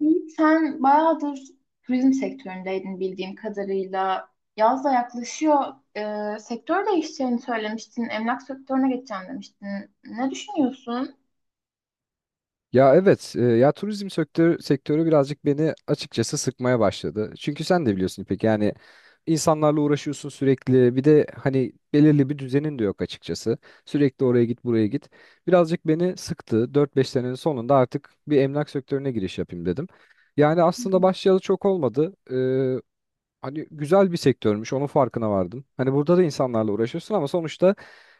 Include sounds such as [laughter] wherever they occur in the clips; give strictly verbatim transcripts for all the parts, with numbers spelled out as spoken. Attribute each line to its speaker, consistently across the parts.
Speaker 1: Yiğit, sen bayağıdır turizm sektöründeydin bildiğim kadarıyla. Yaz da yaklaşıyor. Ee, sektör değişeceğini söylemiştin. Emlak sektörüne geçeceğim demiştin. Ne düşünüyorsun?
Speaker 2: Ya evet, e, ya turizm sektörü, sektörü birazcık beni açıkçası sıkmaya başladı. Çünkü sen de biliyorsun İpek, yani insanlarla uğraşıyorsun sürekli. Bir de hani belirli bir düzenin de yok açıkçası. Sürekli oraya git, buraya git. Birazcık beni sıktı. Dört beş senenin sonunda artık bir emlak sektörüne giriş yapayım dedim. Yani
Speaker 1: Hı hı.
Speaker 2: aslında başlayalı çok olmadı, hani güzel bir sektörmüş onun farkına vardım. Hani burada da insanlarla uğraşıyorsun ama sonuçta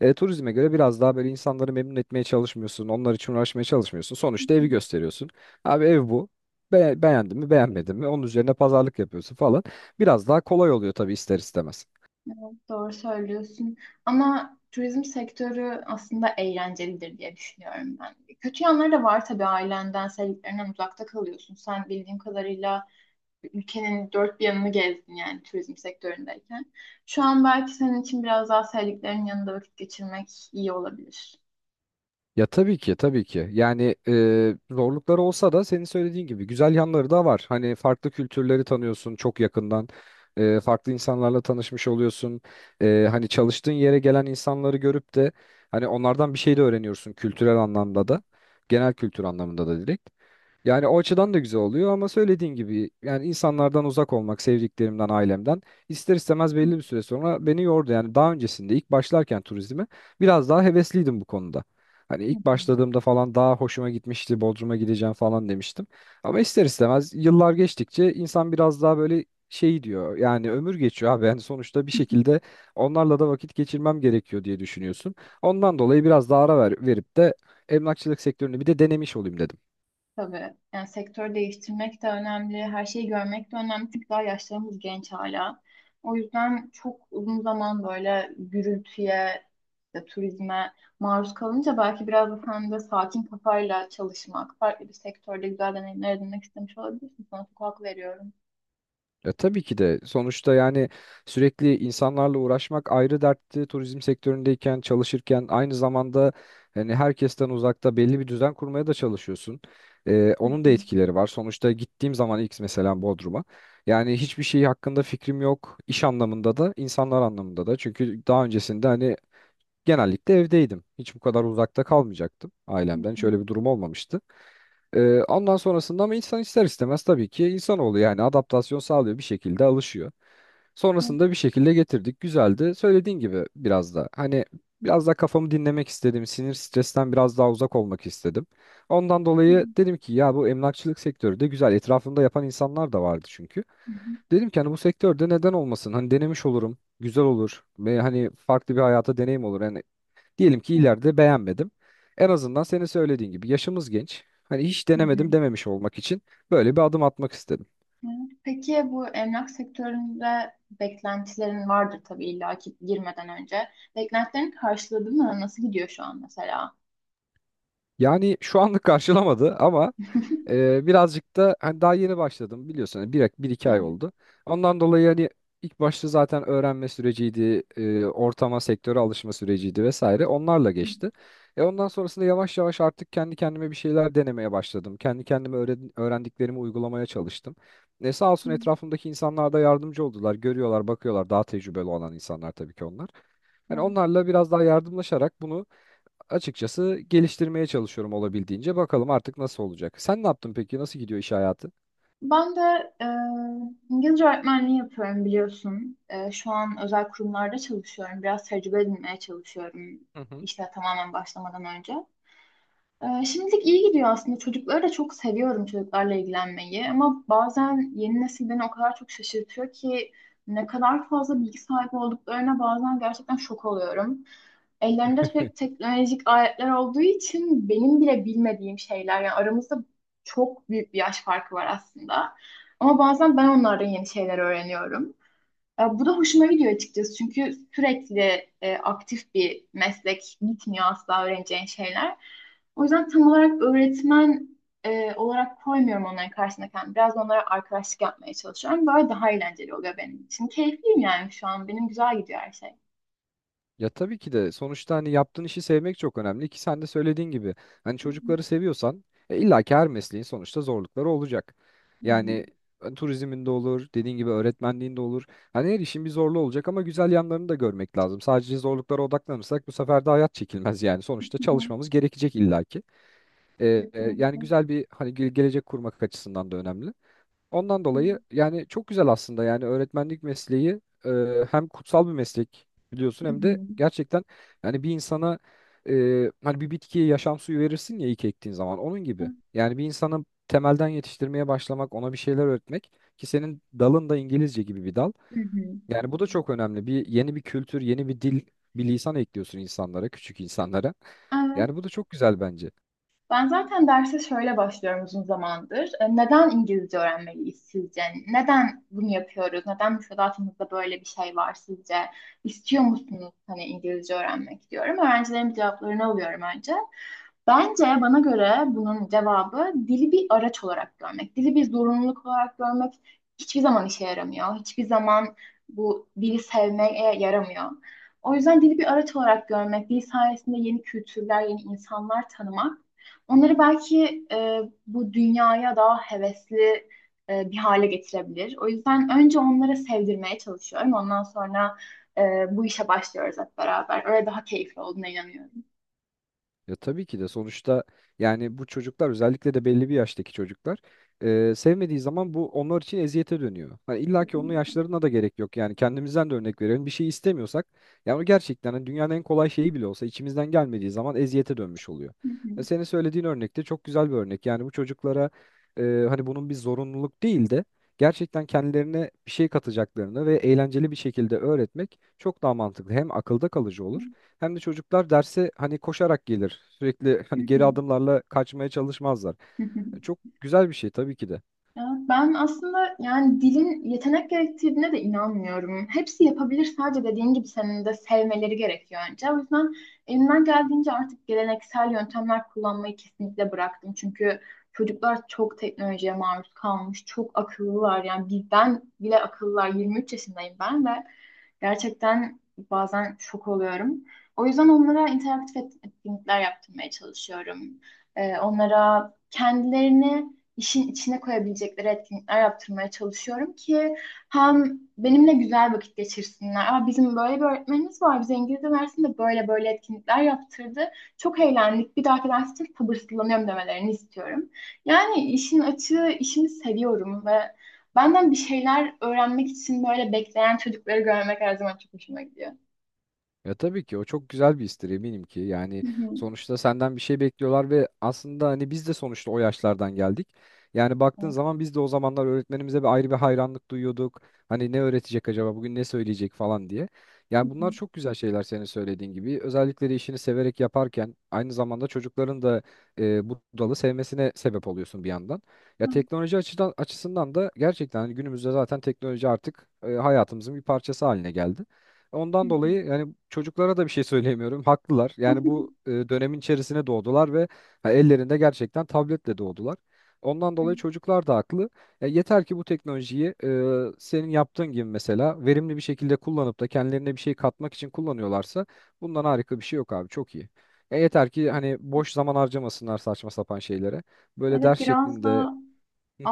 Speaker 2: e, turizme göre biraz daha böyle insanları memnun etmeye çalışmıyorsun. Onlar için uğraşmaya çalışmıyorsun. Sonuçta evi gösteriyorsun. Abi ev bu. Be beğendin mi beğenmedin mi onun üzerine pazarlık yapıyorsun falan. Biraz daha kolay oluyor tabii ister istemez.
Speaker 1: Evet, doğru söylüyorsun. Ama turizm sektörü aslında eğlencelidir diye düşünüyorum ben. Kötü yanları da var tabii ailenden, sevdiklerinden uzakta kalıyorsun. Sen bildiğim kadarıyla ülkenin dört bir yanını gezdin yani turizm sektöründeyken. Şu an belki senin için biraz daha sevdiklerinin yanında vakit geçirmek iyi olabilir.
Speaker 2: Ya tabii ki tabii ki. Yani e, zorlukları olsa da senin söylediğin gibi güzel yanları da var. Hani farklı kültürleri tanıyorsun çok yakından. E, farklı insanlarla tanışmış oluyorsun. E, hani çalıştığın yere gelen insanları görüp de hani onlardan bir şey de öğreniyorsun kültürel anlamda da. Genel kültür anlamında da direkt. Yani o açıdan da güzel oluyor ama söylediğin gibi yani insanlardan uzak olmak, sevdiklerimden, ailemden ister istemez
Speaker 1: Hı
Speaker 2: belli bir süre sonra beni yordu. Yani daha öncesinde ilk başlarken turizme biraz daha hevesliydim bu konuda. Hani
Speaker 1: hı.
Speaker 2: ilk başladığımda falan daha hoşuma gitmişti, Bodrum'a gideceğim falan demiştim. Ama ister istemez yıllar geçtikçe insan biraz daha böyle şey diyor. Yani ömür geçiyor abi. Yani sonuçta bir şekilde onlarla da vakit geçirmem gerekiyor diye düşünüyorsun. Ondan dolayı biraz daha ara ver, verip de emlakçılık sektörünü bir de denemiş olayım dedim.
Speaker 1: Tabii. Yani sektör değiştirmek de önemli, her şeyi görmek de önemli. Çünkü daha yaşlarımız genç hala. O yüzden çok uzun zaman böyle gürültüye, işte turizme maruz kalınca belki biraz da sen de sakin kafayla çalışmak, farklı bir sektörde güzel deneyimler edinmek istemiş olabilirsin. Sana çok hak veriyorum.
Speaker 2: Ya tabii ki de sonuçta yani sürekli insanlarla uğraşmak ayrı dertti. Turizm sektöründeyken, çalışırken aynı zamanda hani herkesten uzakta belli bir düzen kurmaya da çalışıyorsun. Ee,
Speaker 1: Hı
Speaker 2: onun da etkileri var. Sonuçta gittiğim zaman ilk mesela Bodrum'a yani hiçbir şey hakkında fikrim yok. İş anlamında da, insanlar anlamında da. Çünkü daha öncesinde hani genellikle evdeydim. Hiç bu kadar uzakta kalmayacaktım
Speaker 1: hı,
Speaker 2: ailemden.
Speaker 1: hı
Speaker 2: Hiç
Speaker 1: hı.
Speaker 2: öyle bir durum olmamıştı. Ee, ondan sonrasında ama insan ister istemez tabii ki insanoğlu yani adaptasyon sağlıyor, bir şekilde alışıyor. Sonrasında bir şekilde getirdik. Güzeldi. Söylediğin gibi biraz da hani biraz daha kafamı dinlemek istedim. Sinir stresten biraz daha uzak olmak istedim. Ondan
Speaker 1: Evet.
Speaker 2: dolayı dedim ki ya bu emlakçılık sektörü de güzel. Etrafımda yapan insanlar da vardı çünkü.
Speaker 1: Hı hı.
Speaker 2: Dedim ki hani bu sektörde neden olmasın? Hani denemiş olurum. Güzel olur. Ve hani farklı bir hayata deneyim olur. Yani diyelim ki ileride beğenmedim. En azından senin söylediğin gibi yaşımız genç. Hani hiç
Speaker 1: Hı hı.
Speaker 2: denemedim dememiş olmak için böyle bir adım atmak istedim.
Speaker 1: Evet. Peki bu emlak sektöründe beklentilerin vardır tabii illa ki girmeden önce. Beklentilerin karşıladı mı? Nasıl gidiyor şu an mesela?
Speaker 2: Yani şu anlık karşılamadı ama
Speaker 1: [laughs]
Speaker 2: Ee, birazcık da hani daha yeni başladım biliyorsun, hani bir, bir iki ay
Speaker 1: Evet.
Speaker 2: oldu. Ondan dolayı hani ilk başta zaten öğrenme süreciydi, e, ortama, sektöre alışma süreciydi vesaire. Onlarla
Speaker 1: Hı
Speaker 2: geçti. E ondan sonrasında yavaş yavaş artık kendi kendime bir şeyler denemeye başladım. Kendi kendime öğren- öğrendiklerimi uygulamaya çalıştım. E sağ
Speaker 1: hı.
Speaker 2: olsun etrafımdaki insanlar da yardımcı oldular. Görüyorlar, bakıyorlar. Daha tecrübeli olan insanlar tabii ki onlar. Yani
Speaker 1: Evet.
Speaker 2: onlarla biraz daha yardımlaşarak bunu açıkçası geliştirmeye çalışıyorum olabildiğince. Bakalım artık nasıl olacak. Sen ne yaptın peki? Nasıl gidiyor iş hayatı?
Speaker 1: Ben de e, İngilizce öğretmenliği yapıyorum biliyorsun. E, şu an özel kurumlarda çalışıyorum. Biraz tecrübe edinmeye çalışıyorum
Speaker 2: Hı hı.
Speaker 1: işe tamamen başlamadan önce. Ee, şimdilik iyi gidiyor aslında. Çocukları da çok seviyorum çocuklarla ilgilenmeyi. Ama bazen yeni nesil beni o kadar çok şaşırtıyor ki ne kadar fazla bilgi sahibi olduklarına bazen gerçekten şok oluyorum. Ellerinde sürekli teknolojik aletler olduğu için benim bile bilmediğim şeyler yani aramızda çok büyük bir yaş farkı var aslında. Ama bazen ben onlardan yeni şeyler öğreniyorum. E, Bu da hoşuma gidiyor açıkçası çünkü sürekli e, aktif bir meslek bitmiyor asla öğreneceğin şeyler. O yüzden tam olarak öğretmen e, olarak koymuyorum onların karşısına kendimi. Biraz onlara arkadaşlık yapmaya çalışıyorum. Böyle daha eğlenceli oluyor benim için. Keyifliyim yani şu an. Benim güzel gidiyor her şey.
Speaker 2: Ya tabii ki de sonuçta hani yaptığın işi sevmek çok önemli ki sen de söylediğin gibi hani
Speaker 1: Hı hı.
Speaker 2: çocukları seviyorsan, e, illa ki her mesleğin sonuçta zorlukları olacak.
Speaker 1: Hı
Speaker 2: Yani e, turizmin de olur, dediğin gibi öğretmenliğin de olur. Hani her işin bir zorluğu olacak ama güzel yanlarını da görmek lazım. Sadece zorluklara odaklanırsak bu sefer de hayat çekilmez [laughs] yani. Sonuçta
Speaker 1: hı.
Speaker 2: çalışmamız gerekecek illa ki. E,
Speaker 1: Hı
Speaker 2: e, yani
Speaker 1: hı.
Speaker 2: güzel bir hani ge- gelecek kurmak açısından da önemli. Ondan dolayı yani çok güzel aslında yani öğretmenlik mesleği e, hem kutsal bir meslek biliyorsun
Speaker 1: Hı
Speaker 2: hem de
Speaker 1: hı.
Speaker 2: gerçekten yani bir insana, e, hani bir bitkiye yaşam suyu verirsin ya ilk ektiğin zaman onun
Speaker 1: Hı
Speaker 2: gibi. Yani bir insanı temelden yetiştirmeye başlamak, ona bir şeyler öğretmek ki senin dalın da İngilizce gibi bir dal.
Speaker 1: hı.
Speaker 2: Yani bu da çok önemli. Bir yeni bir kültür, yeni bir dil, bir lisan ekliyorsun insanlara, küçük insanlara.
Speaker 1: Hı hı.
Speaker 2: Yani bu da çok güzel bence.
Speaker 1: Ben zaten derse şöyle başlıyorum uzun zamandır. E, Neden İngilizce öğrenmeliyiz sizce? Neden bunu yapıyoruz? Neden müfredatımızda böyle bir şey var sizce? İstiyor musunuz hani İngilizce öğrenmek diyorum. Öğrencilerin cevaplarını alıyorum önce. Bence bana göre bunun cevabı dili bir araç olarak görmek, dili bir zorunluluk olarak görmek hiçbir zaman işe yaramıyor. Hiçbir zaman bu dili sevmeye yaramıyor. O yüzden dili bir araç olarak görmek, dil sayesinde yeni kültürler, yeni insanlar tanımak onları belki e, bu dünyaya daha hevesli e, bir hale getirebilir. O yüzden önce onları sevdirmeye çalışıyorum. Ondan sonra e, bu işe başlıyoruz hep beraber. Öyle daha keyifli olduğuna inanıyorum.
Speaker 2: Ya tabii ki de sonuçta yani bu çocuklar, özellikle de belli bir yaştaki çocuklar, e, sevmediği zaman bu onlar için eziyete dönüyor. Hani
Speaker 1: Hı
Speaker 2: illa ki onun
Speaker 1: hı.
Speaker 2: yaşlarına da gerek yok, yani kendimizden de örnek verelim bir şey istemiyorsak yani o gerçekten hani dünyanın en kolay şeyi bile olsa içimizden gelmediği zaman eziyete dönmüş oluyor.
Speaker 1: Hı hı.
Speaker 2: E, senin söylediğin örnek de çok güzel bir örnek. Yani bu çocuklara e, hani bunun bir zorunluluk değil de gerçekten kendilerine bir şey katacaklarını ve eğlenceli bir şekilde öğretmek çok daha mantıklı, hem akılda kalıcı olur. Hem de çocuklar derse hani koşarak gelir. Sürekli
Speaker 1: Hı
Speaker 2: hani geri
Speaker 1: hı.
Speaker 2: adımlarla kaçmaya çalışmazlar.
Speaker 1: Hı hı.
Speaker 2: Çok güzel bir şey tabii ki de.
Speaker 1: Ya ben aslında yani dilin yetenek gerektirdiğine de inanmıyorum. Hepsi yapabilir sadece dediğin gibi senin de sevmeleri gerekiyor önce. O yüzden elimden geldiğince artık geleneksel yöntemler kullanmayı kesinlikle bıraktım. Çünkü çocuklar çok teknolojiye maruz kalmış, çok akıllılar. Yani bizden bile akıllılar. yirmi üç yaşındayım ben ve gerçekten bazen şok oluyorum. O yüzden onlara interaktif et- etkinlikler yaptırmaya çalışıyorum. Ee, onlara kendilerini işin içine koyabilecekleri etkinlikler yaptırmaya çalışıyorum ki hem benimle güzel vakit geçirsinler. Aa, bizim böyle bir öğretmenimiz var. Bize İngilizce dersinde böyle böyle etkinlikler yaptırdı. Çok eğlendik. Bir dahaki ders için sabırsızlanıyorum demelerini istiyorum. Yani işin açığı işimi seviyorum ve benden bir şeyler öğrenmek için böyle bekleyen çocukları görmek her zaman çok hoşuma gidiyor.
Speaker 2: Ya tabii ki o çok güzel bir istir eminim ki. Yani
Speaker 1: Hı hı.
Speaker 2: sonuçta senden bir şey bekliyorlar ve aslında hani biz de sonuçta o yaşlardan geldik. Yani
Speaker 1: Hı
Speaker 2: baktığın zaman biz de o zamanlar öğretmenimize bir ayrı bir hayranlık duyuyorduk. Hani ne öğretecek acaba bugün, ne söyleyecek falan diye.
Speaker 1: hı.
Speaker 2: Yani bunlar çok güzel şeyler senin söylediğin gibi. Özellikle de işini severek yaparken aynı zamanda çocukların da e, bu dalı sevmesine sebep oluyorsun bir yandan. Ya teknoloji açıdan açısından da gerçekten hani günümüzde zaten teknoloji artık, e, hayatımızın bir parçası haline geldi.
Speaker 1: Hı
Speaker 2: Ondan
Speaker 1: hı.
Speaker 2: dolayı yani çocuklara da bir şey söyleyemiyorum. Haklılar. Yani bu e,
Speaker 1: [laughs]
Speaker 2: dönemin içerisine doğdular ve ha, ellerinde gerçekten tabletle doğdular. Ondan dolayı çocuklar da haklı. Ya yeter ki bu teknolojiyi e, senin yaptığın gibi mesela verimli bir şekilde kullanıp da kendilerine bir şey katmak için kullanıyorlarsa bundan harika bir şey yok abi. Çok iyi. Ya yeter ki hani boş zaman harcamasınlar saçma sapan şeylere. Böyle ders
Speaker 1: Evet, biraz
Speaker 2: şeklinde
Speaker 1: da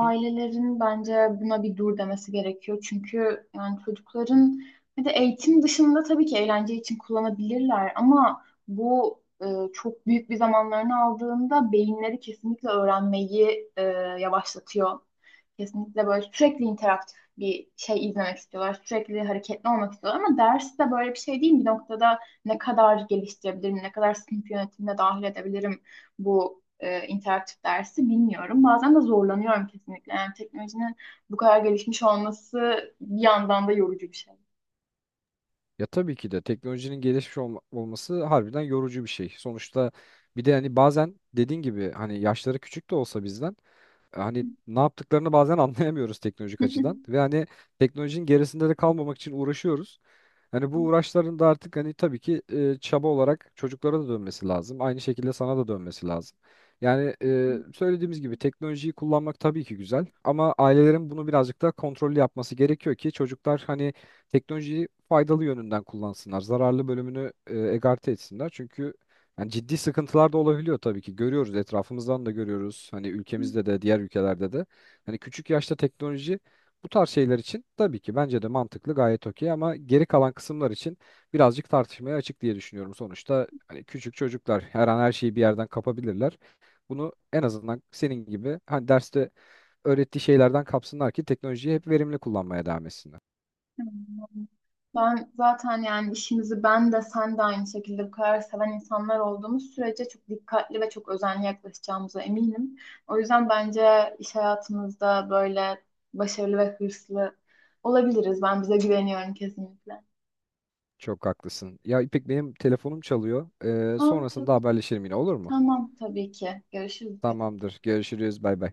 Speaker 2: [laughs]
Speaker 1: bence buna bir dur demesi gerekiyor. Çünkü yani çocukların bir de eğitim dışında tabii ki eğlence için kullanabilirler ama bu e, çok büyük bir zamanlarını aldığında beyinleri kesinlikle öğrenmeyi e, yavaşlatıyor. Kesinlikle böyle sürekli interaktif bir şey izlemek istiyorlar. Sürekli hareketli olmak istiyorlar ama ders de böyle bir şey değil. Bir noktada ne kadar geliştirebilirim, ne kadar sınıf yönetimine dahil edebilirim bu e, interaktif dersi bilmiyorum. Bazen de zorlanıyorum kesinlikle. Yani teknolojinin bu kadar gelişmiş olması bir yandan da yorucu bir şey.
Speaker 2: Ya tabii ki de teknolojinin gelişmiş olma- olması harbiden yorucu bir şey. Sonuçta bir de hani bazen dediğin gibi hani yaşları küçük de olsa bizden, e, hani ne yaptıklarını bazen [laughs] anlayamıyoruz teknolojik açıdan, ve
Speaker 1: [laughs]
Speaker 2: hani teknolojinin gerisinde de kalmamak için uğraşıyoruz. Hani bu uğraşların da artık hani tabii ki e, çaba olarak çocuklara da dönmesi lazım. Aynı şekilde sana da dönmesi lazım. Yani e, söylediğimiz gibi teknolojiyi kullanmak tabii ki güzel ama ailelerin bunu birazcık daha kontrollü yapması gerekiyor ki çocuklar hani teknolojiyi faydalı yönünden kullansınlar. Zararlı bölümünü e, egarte etsinler. Çünkü yani ciddi sıkıntılar da olabiliyor tabii ki. Görüyoruz, etrafımızdan da görüyoruz. Hani ülkemizde de diğer ülkelerde de. Hani küçük yaşta teknoloji bu tarz şeyler için tabii ki bence de mantıklı, gayet okey, ama geri kalan kısımlar için birazcık tartışmaya açık diye düşünüyorum. Sonuçta hani küçük çocuklar her an her şeyi bir yerden kapabilirler. Bunu en azından senin gibi hani derste öğrettiği şeylerden kapsınlar ki teknolojiyi hep verimli kullanmaya devam etsinler.
Speaker 1: Ben zaten yani işimizi ben de sen de aynı şekilde bu kadar seven insanlar olduğumuz sürece çok dikkatli ve çok özenli yaklaşacağımıza eminim. O yüzden bence iş hayatımızda böyle başarılı ve hırslı olabiliriz. Ben bize güveniyorum kesinlikle.
Speaker 2: Çok haklısın. Ya İpek, benim telefonum çalıyor. Ee,
Speaker 1: Ha,
Speaker 2: sonrasında
Speaker 1: tabii,
Speaker 2: haberleşelim yine, olur mu?
Speaker 1: tamam tabii ki. Görüşürüz.
Speaker 2: Tamamdır. Görüşürüz. Bay bay.